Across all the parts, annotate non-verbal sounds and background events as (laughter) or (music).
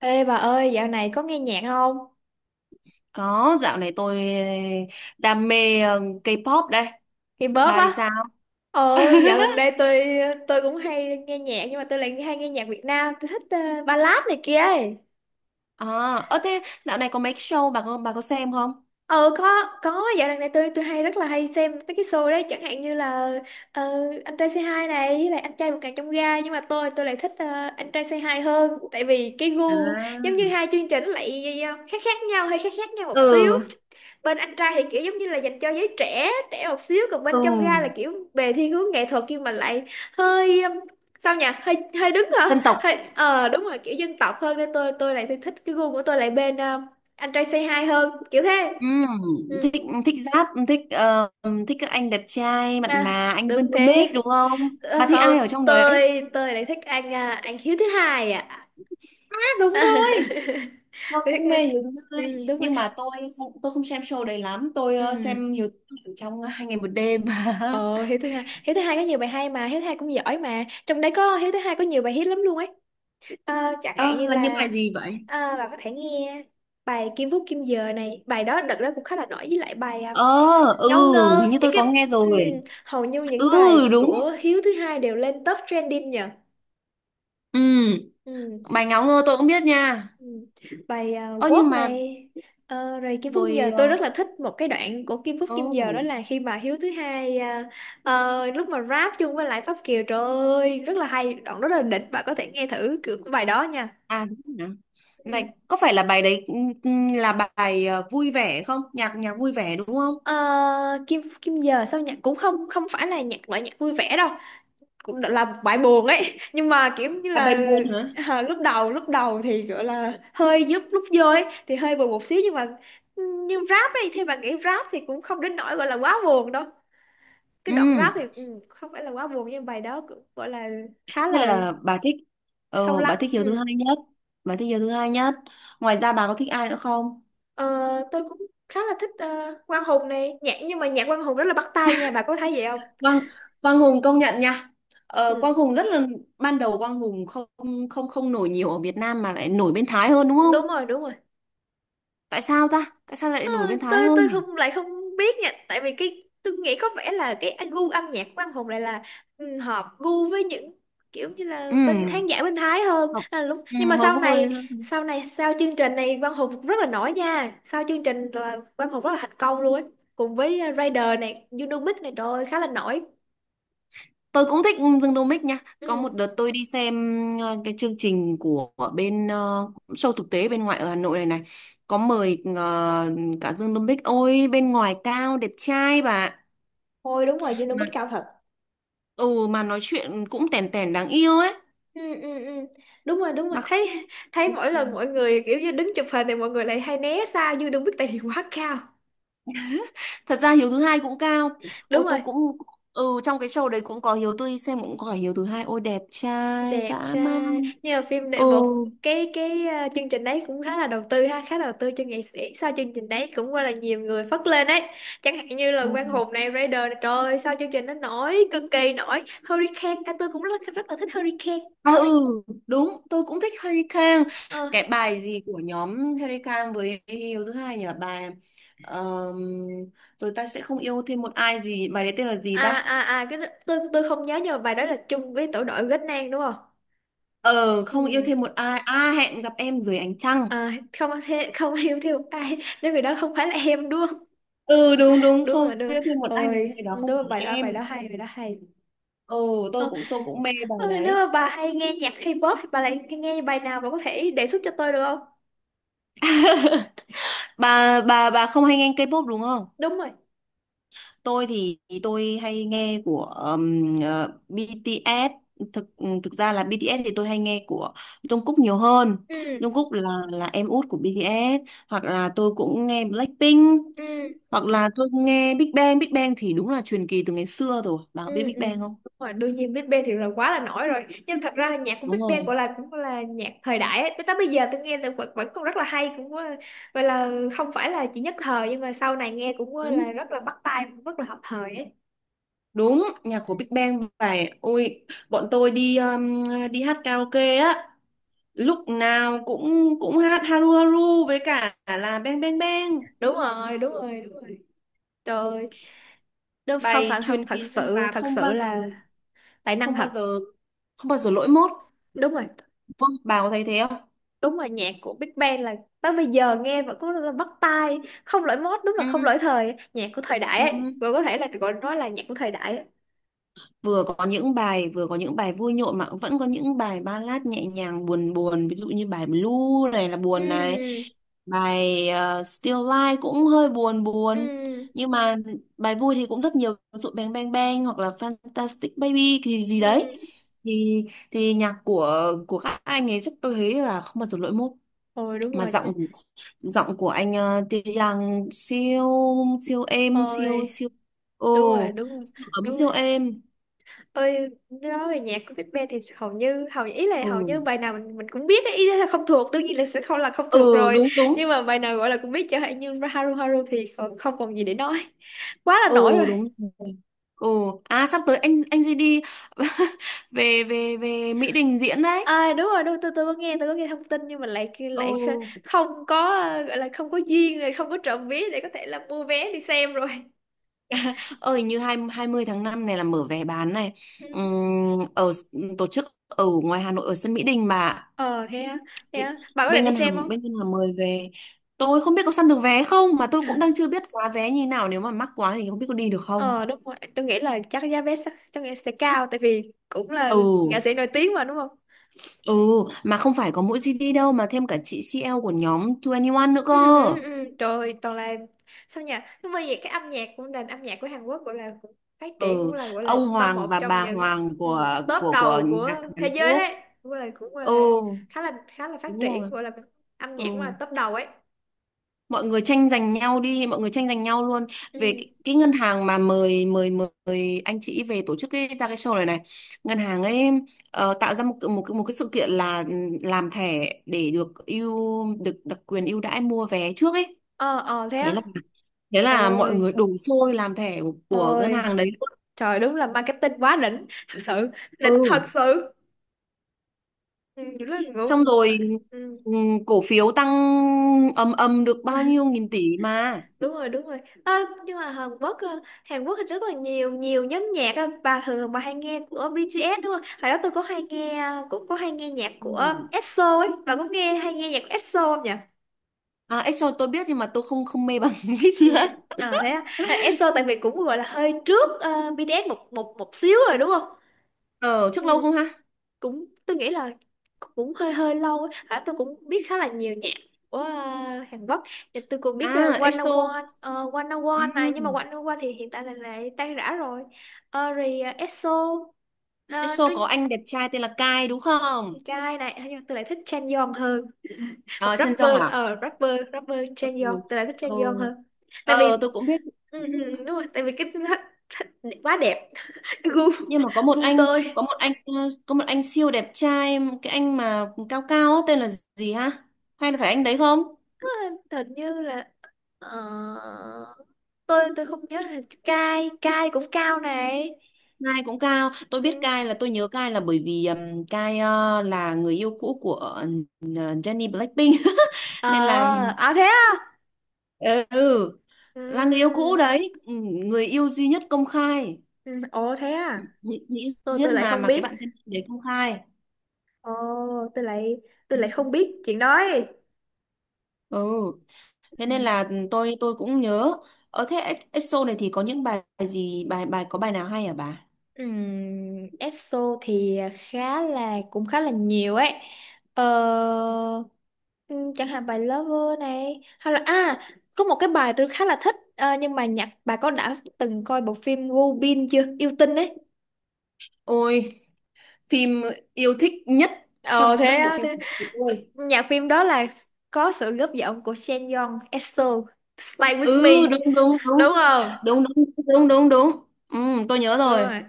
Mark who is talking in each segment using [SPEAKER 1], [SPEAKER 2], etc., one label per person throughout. [SPEAKER 1] Ê bà ơi, dạo này có nghe nhạc không?
[SPEAKER 2] Có, dạo này tôi đam mê K-pop đây.
[SPEAKER 1] K-pop
[SPEAKER 2] Bà
[SPEAKER 1] á.
[SPEAKER 2] thì sao?
[SPEAKER 1] Dạo gần đây
[SPEAKER 2] (laughs)
[SPEAKER 1] tôi cũng hay nghe nhạc nhưng mà tôi lại hay nghe nhạc Việt Nam, tôi thích ballad này kia ấy.
[SPEAKER 2] À, thế dạo này có mấy cái show bà có xem không?
[SPEAKER 1] Ờ có dạo gần đây tôi hay rất là hay xem mấy cái show đấy, chẳng hạn như là ờ, anh trai Say Hi này với lại anh trai vượt ngàn chông gai, nhưng mà tôi lại thích anh trai Say Hi hơn tại vì cái gu giống
[SPEAKER 2] À.
[SPEAKER 1] như hai chương trình lại khác khác nhau, hơi khác khác nhau một xíu.
[SPEAKER 2] Ừ,
[SPEAKER 1] Bên anh trai thì kiểu giống như là dành cho giới trẻ trẻ một xíu, còn bên
[SPEAKER 2] ừ,
[SPEAKER 1] trong ga là kiểu về thiên hướng nghệ thuật nhưng mà lại hơi sao nhỉ, hơi hơi đứng hả,
[SPEAKER 2] dân tộc.
[SPEAKER 1] hơi đúng rồi, kiểu dân tộc hơn nên tôi lại thích cái gu của tôi lại bên anh trai say hi hơn, kiểu thế.
[SPEAKER 2] Ừ,
[SPEAKER 1] Ừ.
[SPEAKER 2] thích thích rap, thích thích các anh đẹp trai mặn
[SPEAKER 1] À,
[SPEAKER 2] mà, anh Dương
[SPEAKER 1] đúng
[SPEAKER 2] Domic
[SPEAKER 1] thế.
[SPEAKER 2] đúng không? Bà
[SPEAKER 1] Ờ,
[SPEAKER 2] thích
[SPEAKER 1] không,
[SPEAKER 2] ai ở trong đấy?
[SPEAKER 1] tôi lại thích anh anh Hiếu thứ hai ạ.
[SPEAKER 2] À,
[SPEAKER 1] (laughs)
[SPEAKER 2] giống tôi.
[SPEAKER 1] Tôi
[SPEAKER 2] Tôi
[SPEAKER 1] thích-
[SPEAKER 2] cũng
[SPEAKER 1] anh-
[SPEAKER 2] mê Hiếu Tươi
[SPEAKER 1] ừ, đúng rồi.
[SPEAKER 2] nhưng mà tôi không xem show đấy lắm, tôi
[SPEAKER 1] Ừ.
[SPEAKER 2] xem Hiếu Tươi ở trong hai ngày một đêm. (laughs)
[SPEAKER 1] Ờ, Hiếu thứ hai có nhiều bài hay mà, Hiếu thứ hai cũng giỏi mà, trong đấy có Hiếu thứ hai có nhiều bài hit lắm luôn ấy. Ờ, chẳng hạn
[SPEAKER 2] Ơ,
[SPEAKER 1] như
[SPEAKER 2] là những
[SPEAKER 1] là
[SPEAKER 2] bài gì vậy?
[SPEAKER 1] bạn có thể nghe bài Kim Phúc Kim Giờ này, bài đó đợt đó cũng khá là nổi, với lại bài
[SPEAKER 2] Ờ, ừ,
[SPEAKER 1] Ngâu Ngơ,
[SPEAKER 2] hình như
[SPEAKER 1] những
[SPEAKER 2] tôi
[SPEAKER 1] cái
[SPEAKER 2] có nghe rồi.
[SPEAKER 1] hầu như
[SPEAKER 2] Ừ,
[SPEAKER 1] những bài
[SPEAKER 2] đúng.
[SPEAKER 1] của Hiếu thứ hai đều lên top trending nhờ.
[SPEAKER 2] Ừ,
[SPEAKER 1] Ừm,
[SPEAKER 2] bài ngáo ngơ tôi cũng biết nha.
[SPEAKER 1] ừm. Bài
[SPEAKER 2] Ơ nhưng
[SPEAKER 1] Walk
[SPEAKER 2] mà
[SPEAKER 1] này, rồi Kim Phúc Kim Giờ.
[SPEAKER 2] rồi
[SPEAKER 1] Tôi rất là thích một cái đoạn của Kim Phúc Kim Giờ, đó
[SPEAKER 2] oh,
[SPEAKER 1] là khi mà Hiếu thứ hai lúc mà rap chung với lại Pháp Kiều, trời ơi rất là hay, đoạn rất là đỉnh, bạn có thể nghe thử kiểu bài đó nha.
[SPEAKER 2] à đúng rồi nhỉ. Này, có phải là bài đấy, ừ, ừ, là bài vui vẻ không? Nhạc nhạc vui vẻ đúng không?
[SPEAKER 1] Ờ, Kim Kim giờ sao nhạc cũng không không phải là nhạc loại nhạc vui vẻ đâu, cũng là một bài buồn ấy, nhưng mà kiểu như
[SPEAKER 2] À, bài
[SPEAKER 1] là
[SPEAKER 2] buồn hả?
[SPEAKER 1] lúc đầu thì gọi là hơi giúp lúc vô ấy thì hơi buồn một xíu, nhưng mà nhưng rap ấy thì bạn nghĩ rap thì cũng không đến nỗi gọi là quá buồn đâu. Cái
[SPEAKER 2] Ừ,
[SPEAKER 1] đoạn rap thì ừ, không phải là quá buồn, nhưng bài đó cũng gọi là khá
[SPEAKER 2] thế
[SPEAKER 1] là
[SPEAKER 2] là bà thích,
[SPEAKER 1] sâu
[SPEAKER 2] ờ bà
[SPEAKER 1] lắng.
[SPEAKER 2] thích Hiếu thứ
[SPEAKER 1] Ừ.
[SPEAKER 2] hai nhất. Bà thích Hiếu thứ hai nhất. Ngoài ra bà có thích ai nữa không?
[SPEAKER 1] Ờ, tôi cũng khá là thích Quang Hùng này, nhạc nhưng mà nhạc Quang Hùng rất là bắt tai nha, bà có thấy vậy không?
[SPEAKER 2] Quang Quang Hùng công nhận nha. Ờ,
[SPEAKER 1] Ừ.
[SPEAKER 2] Quang Hùng rất là ban đầu Quang Hùng không không không nổi nhiều ở Việt Nam mà lại nổi bên Thái hơn đúng không?
[SPEAKER 1] Đúng rồi, đúng rồi.
[SPEAKER 2] Tại sao ta? Tại sao lại
[SPEAKER 1] Ờ,
[SPEAKER 2] nổi bên Thái
[SPEAKER 1] tôi
[SPEAKER 2] hơn
[SPEAKER 1] tôi
[SPEAKER 2] nhỉ?
[SPEAKER 1] không lại không biết nha, tại vì cái tôi nghĩ có vẻ là cái anh gu âm nhạc của anh Hùng lại là ừ, hợp gu với những kiểu như là
[SPEAKER 2] Ừ.
[SPEAKER 1] bên khán giả bên Thái hơn.
[SPEAKER 2] Hợp-
[SPEAKER 1] Nên là lúc,
[SPEAKER 2] Ừ,
[SPEAKER 1] nhưng mà
[SPEAKER 2] hợp
[SPEAKER 1] sau này,
[SPEAKER 2] vui.
[SPEAKER 1] sau chương trình này Quang Hùng rất là nổi nha, sau chương trình là Quang Hùng rất là thành công luôn ấy. Cùng với Raider này, Unimic này, trời ơi, khá là nổi.
[SPEAKER 2] Tôi cũng thích Dương Đô Mích nha. Có một
[SPEAKER 1] Ừ.
[SPEAKER 2] đợt tôi đi xem cái chương trình của bên show thực tế bên ngoài ở Hà Nội này này. Có mời cả Dương Đô Mích. Ôi bên ngoài cao đẹp trai bà.
[SPEAKER 1] Thôi đúng rồi,
[SPEAKER 2] Mà
[SPEAKER 1] Unibet cao thật.
[SPEAKER 2] ừ mà nói chuyện cũng tèn tèn đáng yêu ấy.
[SPEAKER 1] Ừ, ừ, ừ. Đúng rồi, đúng rồi,
[SPEAKER 2] Mà
[SPEAKER 1] thấy thấy mỗi lần mọi người kiểu như đứng chụp hình thì mọi người lại hay né xa như đừng biết tại vì quá cao.
[SPEAKER 2] thật ra Hiếu thứ hai cũng cao,
[SPEAKER 1] Đúng
[SPEAKER 2] ôi tôi
[SPEAKER 1] rồi,
[SPEAKER 2] cũng ừ trong cái show đấy cũng có Hiếu, tôi xem cũng có Hiếu thứ hai, ôi đẹp trai
[SPEAKER 1] đẹp
[SPEAKER 2] dã man.
[SPEAKER 1] trai nhưng mà phim đệ
[SPEAKER 2] Ừ
[SPEAKER 1] một. Cái chương trình đấy cũng khá là đầu tư ha, khá đầu tư cho nghệ sĩ, sau chương trình đấy cũng gọi là nhiều người phất lên đấy, chẳng hạn như là Quang
[SPEAKER 2] ừ.
[SPEAKER 1] Hùng này, Raider này, trời ơi, sau chương trình nó nổi cực kỳ nổi. Hurricane tôi cũng rất rất là thích Hurricane.
[SPEAKER 2] À ừ đúng tôi cũng thích Harry Kang.
[SPEAKER 1] Ờ,
[SPEAKER 2] Cái bài gì của nhóm Harry Kang với Hiếu thứ hai nhỉ, bài ờm, rồi ta sẽ không yêu thêm một ai, gì bài đấy tên là gì ta?
[SPEAKER 1] tôi không nhớ, nhưng mà bài đó là chung với tổ đội Ghét Nang đúng không.
[SPEAKER 2] Ờ không yêu
[SPEAKER 1] Ừ.
[SPEAKER 2] thêm một ai, à hẹn gặp em dưới ánh trăng,
[SPEAKER 1] À, không thế không (laughs) yêu thêm một ai nếu người đó không phải là em, đúng không?
[SPEAKER 2] ừ đúng đúng,
[SPEAKER 1] Đúng
[SPEAKER 2] không
[SPEAKER 1] rồi, đúng rồi.
[SPEAKER 2] yêu thêm một ai nếu
[SPEAKER 1] Ôi
[SPEAKER 2] người đó
[SPEAKER 1] đúng
[SPEAKER 2] không
[SPEAKER 1] rồi,
[SPEAKER 2] phải
[SPEAKER 1] bài đó, bài đó
[SPEAKER 2] em.
[SPEAKER 1] hay bài đó hay
[SPEAKER 2] Ừ
[SPEAKER 1] Ờ,
[SPEAKER 2] tôi cũng mê bài
[SPEAKER 1] ôi, nếu
[SPEAKER 2] đấy.
[SPEAKER 1] mà bà hay nghe nhạc K-pop thì bà lại nghe bài nào, bà có thể đề xuất cho tôi được không?
[SPEAKER 2] Bà không hay nghe K-pop đúng không?
[SPEAKER 1] Đúng rồi.
[SPEAKER 2] Tôi thì tôi hay nghe của BTS. Thực Thực ra là BTS thì tôi hay nghe của Jungkook nhiều hơn.
[SPEAKER 1] Ừ,
[SPEAKER 2] Jungkook là em út của BTS. Hoặc là tôi cũng nghe Blackpink
[SPEAKER 1] ừ,
[SPEAKER 2] hoặc là tôi nghe Big Bang. Big Bang thì đúng là truyền kỳ từ ngày xưa rồi, bà có
[SPEAKER 1] ừ,
[SPEAKER 2] biết Big
[SPEAKER 1] ừ.
[SPEAKER 2] Bang không?
[SPEAKER 1] Đúng rồi, đương nhiên Big Bang thì là quá là nổi rồi. Nhưng thật ra là nhạc của
[SPEAKER 2] Đúng
[SPEAKER 1] Big
[SPEAKER 2] rồi.
[SPEAKER 1] Bang gọi là cũng gọi là nhạc thời đại ấy. Tới tới bây giờ tôi nghe là vẫn, vẫn còn rất là hay, cũng gọi là không phải là chỉ nhất thời, nhưng mà sau này nghe cũng
[SPEAKER 2] Đúng.
[SPEAKER 1] là rất là bắt tai, cũng rất là hợp thời ấy.
[SPEAKER 2] Đúng, nhạc của Big Bang phải ôi bọn tôi đi đi hát karaoke á, lúc nào cũng cũng hát Haru Haru với cả là Bang Bang Bang.
[SPEAKER 1] Đúng rồi, đúng rồi, đúng rồi. Trời ơi, đúng không
[SPEAKER 2] Bài
[SPEAKER 1] phải không,
[SPEAKER 2] truyền
[SPEAKER 1] thật
[SPEAKER 2] kỳ luôn
[SPEAKER 1] sự
[SPEAKER 2] và
[SPEAKER 1] thật sự là tài năng
[SPEAKER 2] không bao
[SPEAKER 1] thật.
[SPEAKER 2] giờ không bao giờ lỗi mốt
[SPEAKER 1] Đúng rồi.
[SPEAKER 2] đúng không? Bà có thấy thế không?
[SPEAKER 1] Đúng rồi, nhạc của Big Bang là tới bây giờ nghe vẫn có là bắt tai, không lỗi mốt, đúng là không
[SPEAKER 2] Ừ.
[SPEAKER 1] lỗi thời, nhạc của thời đại
[SPEAKER 2] Ừ.
[SPEAKER 1] ấy, vẫn có thể là gọi nói là nhạc của thời đại ấy.
[SPEAKER 2] Vừa có những bài vui nhộn mà cũng vẫn có những bài ballad nhẹ nhàng buồn buồn, ví dụ như bài Blue này là buồn này,
[SPEAKER 1] Ừ,
[SPEAKER 2] bài Still Life cũng hơi buồn buồn.
[SPEAKER 1] ừ,
[SPEAKER 2] Nhưng mà bài vui thì cũng rất nhiều, ví dụ Bang Bang Bang hoặc là Fantastic Baby thì gì đấy,
[SPEAKER 1] ừ.
[SPEAKER 2] thì thì nhạc của các anh ấy rất tôi thấy là không bao giờ lỗi mốt.
[SPEAKER 1] Ôi đúng
[SPEAKER 2] Mà
[SPEAKER 1] rồi chứ.
[SPEAKER 2] giọng giọng của anh Tae siêu, siêu êm,
[SPEAKER 1] Ôi
[SPEAKER 2] siêu siêu ừ
[SPEAKER 1] đúng rồi, đúng rồi,
[SPEAKER 2] siêu ấm
[SPEAKER 1] đúng
[SPEAKER 2] siêu
[SPEAKER 1] rồi.
[SPEAKER 2] êm.
[SPEAKER 1] Ơi nói về nhạc của Big Bang thì hầu như hầu ý là
[SPEAKER 2] Ừ
[SPEAKER 1] hầu như bài nào mình cũng biết ấy. Ý là không thuộc, đương nhiên là sẽ không là không thuộc
[SPEAKER 2] ừ
[SPEAKER 1] rồi,
[SPEAKER 2] đúng đúng.
[SPEAKER 1] nhưng mà bài nào gọi là cũng biết, chẳng hạn như Haru Haru thì còn không còn gì để nói, quá là nổi
[SPEAKER 2] Ừ
[SPEAKER 1] rồi.
[SPEAKER 2] đúng rồi. Ừ. À sắp tới anh gì đi (laughs) về về về Mỹ Đình diễn đấy.
[SPEAKER 1] À đúng rồi, đúng, tôi có nghe, tôi có nghe thông tin nhưng mà lại lại
[SPEAKER 2] Ừ
[SPEAKER 1] không có gọi là không có duyên rồi, không có trộm vé để có thể là mua vé đi xem rồi.
[SPEAKER 2] ơi như hai 20 tháng 5 này là mở vé bán này.
[SPEAKER 1] (laughs)
[SPEAKER 2] Ừm, ở s- tổ chức ở ngoài Hà Nội ở sân Mỹ Đình mà.
[SPEAKER 1] Ừ. Ờ thế á, thế á. Bạn có định đi xem không?
[SPEAKER 2] Bên ngân hàng mời về, tôi không biết có săn được vé không mà tôi cũng đang chưa biết giá vé như nào, nếu mà mắc quá thì không biết có đi được không.
[SPEAKER 1] Ờ đúng rồi, tôi nghĩ là chắc giá vé chắc, tôi nghĩ sẽ cao tại vì cũng là nghệ
[SPEAKER 2] Ừ
[SPEAKER 1] sĩ nổi tiếng mà, đúng không?
[SPEAKER 2] ừ mà không phải có mỗi GD đâu mà thêm cả chị CL của nhóm 21 nữa cơ.
[SPEAKER 1] Ừ, ừ, ừ. Trời ơi, toàn là sao nhỉ, nhưng mà vậy cái âm nhạc của nền âm nhạc của Hàn Quốc gọi là cũng phát triển, cũng
[SPEAKER 2] Ừ
[SPEAKER 1] là gọi là
[SPEAKER 2] ông
[SPEAKER 1] top
[SPEAKER 2] Hoàng
[SPEAKER 1] một
[SPEAKER 2] và
[SPEAKER 1] trong
[SPEAKER 2] bà
[SPEAKER 1] những
[SPEAKER 2] Hoàng
[SPEAKER 1] ừ,
[SPEAKER 2] của
[SPEAKER 1] top đầu
[SPEAKER 2] nhạc
[SPEAKER 1] của thế
[SPEAKER 2] Hàn
[SPEAKER 1] giới
[SPEAKER 2] Quốc.
[SPEAKER 1] đấy, cũng là cũng gọi
[SPEAKER 2] Ừ
[SPEAKER 1] là khá là khá là phát
[SPEAKER 2] đúng
[SPEAKER 1] triển,
[SPEAKER 2] rồi.
[SPEAKER 1] gọi là âm nhạc cũng là
[SPEAKER 2] Ừ
[SPEAKER 1] top đầu ấy.
[SPEAKER 2] mọi người tranh giành nhau đi, mọi người tranh giành nhau luôn về
[SPEAKER 1] Ừ.
[SPEAKER 2] cái ngân hàng mà mời mời mời anh chị về tổ chức cái ra cái show này này, ngân hàng ấy tạo ra một cái- một cái- một cái sự kiện là làm thẻ để được ưu được đặc quyền ưu đãi mua vé trước ấy.
[SPEAKER 1] Ờ, ờ thế
[SPEAKER 2] thế
[SPEAKER 1] á.
[SPEAKER 2] là Thế là mọi
[SPEAKER 1] Ôi,
[SPEAKER 2] người đổ xô đi làm thẻ của ngân
[SPEAKER 1] ôi
[SPEAKER 2] hàng đấy luôn.
[SPEAKER 1] trời, đúng là marketing quá đỉnh thật sự, đỉnh
[SPEAKER 2] Ừ
[SPEAKER 1] thật sự. Ừ, rất là
[SPEAKER 2] xong
[SPEAKER 1] ngưỡng.
[SPEAKER 2] rồi cổ phiếu tăng ầm ầm được
[SPEAKER 1] Ừ.
[SPEAKER 2] bao nhiêu nghìn tỷ mà.
[SPEAKER 1] Đúng rồi, đúng rồi. À, nhưng mà Hàn Quốc Hàn Quốc thì rất là nhiều nhiều nhóm nhạc á. Bà thường bà hay nghe của BTS đúng không? Hồi đó tôi có hay nghe, cũng có hay nghe nhạc của
[SPEAKER 2] Ừ.
[SPEAKER 1] EXO ấy, bà có nghe hay nghe nhạc của EXO không nhỉ?
[SPEAKER 2] À Exo tôi biết nhưng mà tôi không không mê bằng (laughs) Vip
[SPEAKER 1] Ừ.
[SPEAKER 2] nữa.
[SPEAKER 1] À thế á. À, EXO tại vì cũng gọi là hơi trước BTS một một một xíu rồi, đúng không?
[SPEAKER 2] Ờ trước lâu không ha.
[SPEAKER 1] Cũng tôi nghĩ là cũng hơi hơi lâu á. À, tôi cũng biết khá là nhiều nhạc của Hàn Quốc thì tôi cũng biết
[SPEAKER 2] À
[SPEAKER 1] uh, 101
[SPEAKER 2] Exo
[SPEAKER 1] uh, 101 này, nhưng mà
[SPEAKER 2] ừm,
[SPEAKER 1] 101 thì hiện tại là lại tan rã rồi. Ờ, rồi ờ, EXO ờ,
[SPEAKER 2] Exo
[SPEAKER 1] nó
[SPEAKER 2] có anh đẹp trai tên là Kai đúng không?
[SPEAKER 1] guy này nhưng mà tôi lại thích Chan Yeon hơn, hoặc
[SPEAKER 2] À, Trân Trọng
[SPEAKER 1] rapper
[SPEAKER 2] à.
[SPEAKER 1] ờ rapper rapper
[SPEAKER 2] Ừ.
[SPEAKER 1] Chan Yeon, tôi lại thích Chan
[SPEAKER 2] Ừ.
[SPEAKER 1] Yeon hơn tại
[SPEAKER 2] Ờ
[SPEAKER 1] vì
[SPEAKER 2] tôi cũng biết
[SPEAKER 1] ừ, ừ, đúng rồi tại vì cái (laughs) quá đẹp. (laughs) Gu,
[SPEAKER 2] nhưng mà
[SPEAKER 1] gu tôi.
[SPEAKER 2] có một anh ờ, có một anh siêu đẹp trai cái anh mà cao cao á, tên là gì ha, hay là phải anh đấy không?
[SPEAKER 1] Ờ, hình như là ờ, tôi không nhớ là cai, cai cũng cao này.
[SPEAKER 2] Cai cũng cao, tôi biết
[SPEAKER 1] Ừ.
[SPEAKER 2] Cai là tôi nhớ Cai là bởi vì Cai là người yêu cũ của Jennie Blackpink (laughs) nên là
[SPEAKER 1] Ờ, à thế à.
[SPEAKER 2] ừ ừ, là người yêu cũ
[SPEAKER 1] Ừ.
[SPEAKER 2] đấy. Ừ, người yêu duy nhất công khai,
[SPEAKER 1] Ừ, ồ thế à,
[SPEAKER 2] người người yêu
[SPEAKER 1] tôi
[SPEAKER 2] duy
[SPEAKER 1] tôi
[SPEAKER 2] nhất
[SPEAKER 1] lại
[SPEAKER 2] mà
[SPEAKER 1] không
[SPEAKER 2] cái
[SPEAKER 1] biết.
[SPEAKER 2] bạn Jennie đấy công khai.
[SPEAKER 1] Ồ, tôi lại tôi
[SPEAKER 2] Ừ.
[SPEAKER 1] lại không biết chuyện đó ấy.
[SPEAKER 2] Ừ, thế
[SPEAKER 1] Ừ.
[SPEAKER 2] nên là tôi cũng nhớ. Ở thế EXO này thì có những bài gì, bài bài có bài nào hay hả bà?
[SPEAKER 1] ESO thì khá là cũng khá là nhiều ấy, ờ, chẳng hạn bài Lover này, hay là à, có một cái bài tôi khá là thích nhưng mà nhạc, bà có đã từng coi bộ phim Robin chưa, yêu tinh ấy.
[SPEAKER 2] Ôi, phim yêu thích nhất trong
[SPEAKER 1] Ồ thế
[SPEAKER 2] các bộ
[SPEAKER 1] á,
[SPEAKER 2] phim
[SPEAKER 1] thế
[SPEAKER 2] của tôi.
[SPEAKER 1] nhạc phim đó là có sự góp giọng của Shen Yong, EXO, Stay
[SPEAKER 2] Ừ
[SPEAKER 1] With Me,
[SPEAKER 2] đúng đúng đúng
[SPEAKER 1] đúng không?
[SPEAKER 2] đúng đúng đúng đúng đúng. Ừ, tôi nhớ
[SPEAKER 1] Đúng
[SPEAKER 2] rồi.
[SPEAKER 1] rồi.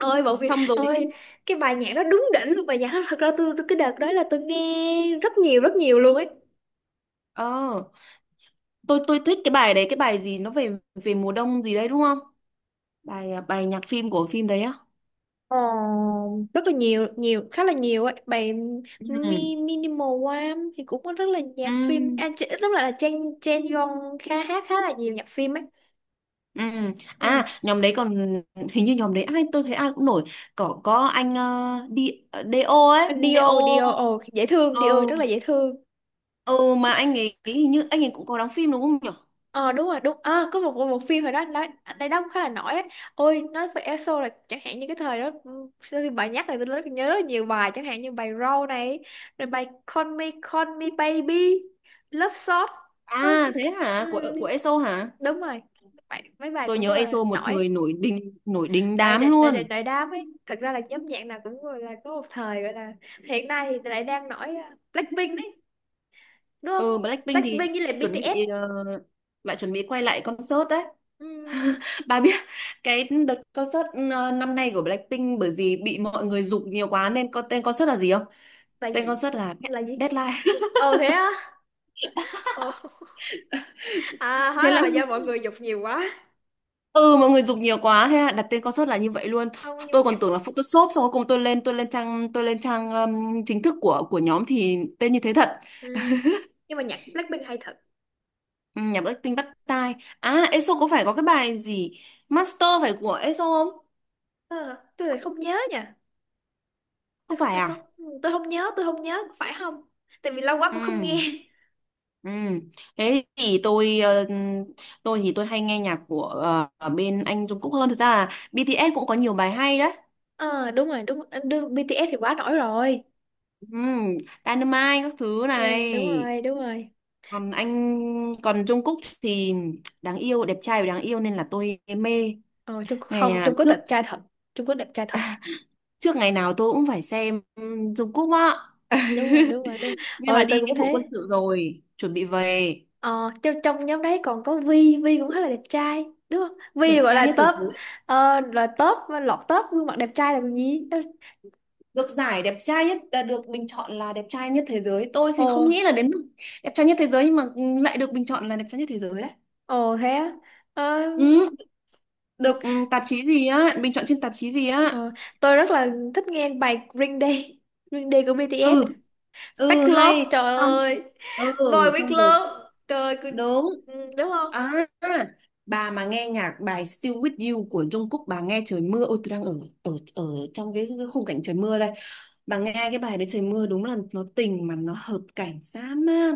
[SPEAKER 1] Ôi bộ phim,
[SPEAKER 2] Xong rồi
[SPEAKER 1] ôi cái bài nhạc đó đúng đỉnh luôn, bài nhạc đó thật ra cái đợt đó là tôi nghe rất nhiều, rất nhiều luôn ấy.
[SPEAKER 2] ờ tôi thích cái bài đấy, cái bài gì nó về về mùa đông gì đấy đúng không, bài à, bài nhạc phim của phim đấy á.
[SPEAKER 1] Ờ, rất là nhiều nhiều, khá là nhiều ấy. Bài Mi,
[SPEAKER 2] Ừ
[SPEAKER 1] Minimal Wham thì cũng có rất là
[SPEAKER 2] ừ
[SPEAKER 1] nhạc phim, à, lúc lại là Chen Chen Yong khá hát khá là nhiều nhạc phim ấy.
[SPEAKER 2] ừ.
[SPEAKER 1] Ừ.
[SPEAKER 2] À nhóm đấy còn hình như nhóm đấy ai tôi thấy ai cũng nổi, có anh đi DO ấy, anh
[SPEAKER 1] Dio
[SPEAKER 2] DO
[SPEAKER 1] Dio, ồ dễ thương,
[SPEAKER 2] ờ
[SPEAKER 1] Dio rất là dễ thương.
[SPEAKER 2] ừ mà anh ấy hình như anh ấy cũng có đóng phim đúng không nhỉ.
[SPEAKER 1] Ờ đúng rồi đúng, à, có một một phim hồi đó nó đây đóng khá là nổi ấy. Ôi nói về ESO là chẳng hạn như cái thời đó ừ, sau khi bà nhắc là nhớ rất là nhiều bài, chẳng hạn như bài row này, rồi bài Call Me Call Me Baby, Love Shot. Ờ,
[SPEAKER 2] À thế
[SPEAKER 1] ừ,
[SPEAKER 2] hả, của ESO hả?
[SPEAKER 1] đúng rồi, bài, mấy bài
[SPEAKER 2] Tôi
[SPEAKER 1] cũng
[SPEAKER 2] nhớ
[SPEAKER 1] là
[SPEAKER 2] EXO một
[SPEAKER 1] nổi.
[SPEAKER 2] thời nổi đình
[SPEAKER 1] Đại
[SPEAKER 2] đám
[SPEAKER 1] định, đại
[SPEAKER 2] luôn.
[SPEAKER 1] định đại đám ấy, thật ra là nhóm nhạc nào cũng gọi là có một thời gọi là hiện nay thì lại đang nổi à, Blackpink đấy, đúng
[SPEAKER 2] Ừ
[SPEAKER 1] không?
[SPEAKER 2] Blackpink
[SPEAKER 1] Blackpink
[SPEAKER 2] thì
[SPEAKER 1] với lại
[SPEAKER 2] chuẩn
[SPEAKER 1] BTS.
[SPEAKER 2] bị lại chuẩn bị quay lại concert đấy.
[SPEAKER 1] Ừ,
[SPEAKER 2] (laughs) Bà biết cái đợt concert năm nay của Blackpink bởi vì bị mọi người giục nhiều quá nên có tên concert là gì không?
[SPEAKER 1] là
[SPEAKER 2] Tên
[SPEAKER 1] gì,
[SPEAKER 2] concert là
[SPEAKER 1] là gì?
[SPEAKER 2] Deadline.
[SPEAKER 1] Ờ thế á. Ồ, à,
[SPEAKER 2] (laughs)
[SPEAKER 1] hóa
[SPEAKER 2] Thế
[SPEAKER 1] ra
[SPEAKER 2] là
[SPEAKER 1] là do mọi người dục nhiều quá.
[SPEAKER 2] ừ mọi người giục nhiều quá thế là đặt tên concert là như vậy luôn.
[SPEAKER 1] Không, nhưng mà
[SPEAKER 2] Tôi
[SPEAKER 1] nhạc
[SPEAKER 2] còn tưởng là Photoshop xong cuối cùng tôi lên tôi lên trang chính thức của nhóm thì tên như thế thật.
[SPEAKER 1] ừ, nhưng mà nhạc Blackpink hay thật.
[SPEAKER 2] Ừ, nhạc Blackpink bắt tai. À, ESO có phải có cái bài gì? Master phải của ESO không?
[SPEAKER 1] Ờ, tôi lại không nhớ nha. Tôi
[SPEAKER 2] Không
[SPEAKER 1] không,
[SPEAKER 2] phải
[SPEAKER 1] tôi không,
[SPEAKER 2] à?
[SPEAKER 1] tôi không nhớ, phải không? Tại vì lâu quá cũng không nghe.
[SPEAKER 2] Ừ. Ừ. Thế thì tôi tôi thì tôi hay nghe nhạc của ở bên anh Jungkook Cúc hơn. Thực ra là BTS cũng có nhiều bài hay đấy.
[SPEAKER 1] Ờ đúng rồi đúng, đúng BTS thì quá nổi rồi.
[SPEAKER 2] Ừ. Dynamite các thứ này.
[SPEAKER 1] Ừ, đúng rồi, đúng rồi.
[SPEAKER 2] Còn anh Còn Jungkook thì đáng yêu, đẹp trai và đáng yêu nên là tôi mê.
[SPEAKER 1] Ờ, Trung Quốc
[SPEAKER 2] Ngày
[SPEAKER 1] không,
[SPEAKER 2] à,
[SPEAKER 1] Trung Quốc
[SPEAKER 2] trước,
[SPEAKER 1] đẹp trai thật, Trung Quốc đẹp trai thật.
[SPEAKER 2] trước ngày nào tôi cũng phải xem Jungkook Cúc á. (laughs)
[SPEAKER 1] Đúng rồi, đúng rồi, đúng
[SPEAKER 2] Nhưng mà
[SPEAKER 1] rồi. Tôi
[SPEAKER 2] đi
[SPEAKER 1] cũng
[SPEAKER 2] nghĩa vụ quân
[SPEAKER 1] thế.
[SPEAKER 2] sự rồi chuẩn bị về
[SPEAKER 1] Ờ, trong nhóm đấy còn có Vi, Vi cũng khá là đẹp trai, đúng không? Vi
[SPEAKER 2] đẹp
[SPEAKER 1] gọi
[SPEAKER 2] trai
[SPEAKER 1] là
[SPEAKER 2] nhất thế
[SPEAKER 1] top,
[SPEAKER 2] giới.
[SPEAKER 1] là top, lọt top gương mặt đẹp trai là còn gì.
[SPEAKER 2] Được giải đẹp trai nhất, à, được bình chọn là đẹp trai nhất thế giới, tôi thì không
[SPEAKER 1] Ồ,
[SPEAKER 2] nghĩ là đến mức đẹp trai nhất thế giới nhưng mà lại được bình chọn là đẹp trai nhất thế giới đấy.
[SPEAKER 1] ồ thế á. Ờ,
[SPEAKER 2] Ừ,
[SPEAKER 1] ừ,
[SPEAKER 2] được ừ, tạp chí gì á bình chọn trên tạp chí gì á.
[SPEAKER 1] ờ, tôi rất là thích nghe bài Green Day, Green Day của BTS.
[SPEAKER 2] Ừ
[SPEAKER 1] Fake
[SPEAKER 2] ừ
[SPEAKER 1] Love,
[SPEAKER 2] hay
[SPEAKER 1] trời
[SPEAKER 2] xong.
[SPEAKER 1] ơi.
[SPEAKER 2] Ừ
[SPEAKER 1] Boy with
[SPEAKER 2] xong rồi
[SPEAKER 1] Love, trời ơi,
[SPEAKER 2] đúng.
[SPEAKER 1] ừ, đúng không?
[SPEAKER 2] À, bà mà nghe nhạc bài Still With You của Jungkook bà nghe trời mưa, ôi tôi đang ở ở ở trong cái khung cảnh trời mưa đây, bà nghe cái bài đấy trời mưa đúng là nó tình mà nó hợp cảnh dã man.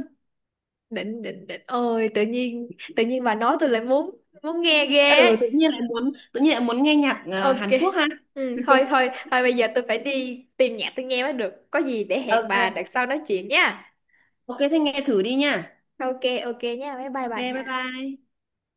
[SPEAKER 1] Định, định, định. Ôi, tự nhiên bà nói tôi lại muốn nghe ghê ấy.
[SPEAKER 2] Ừ tự nhiên lại muốn nghe nhạc à,
[SPEAKER 1] Ok.
[SPEAKER 2] Hàn Quốc ha.
[SPEAKER 1] Ừ,
[SPEAKER 2] (laughs)
[SPEAKER 1] thôi bây giờ tôi phải đi tìm nhạc tôi nghe mới được. Có gì để hẹn bà đợt
[SPEAKER 2] Ok
[SPEAKER 1] sau nói chuyện nha.
[SPEAKER 2] ok thế nghe thử đi nha.
[SPEAKER 1] Ok, ok nha, bye bye
[SPEAKER 2] Ok
[SPEAKER 1] bà
[SPEAKER 2] bye
[SPEAKER 1] nha.
[SPEAKER 2] bye.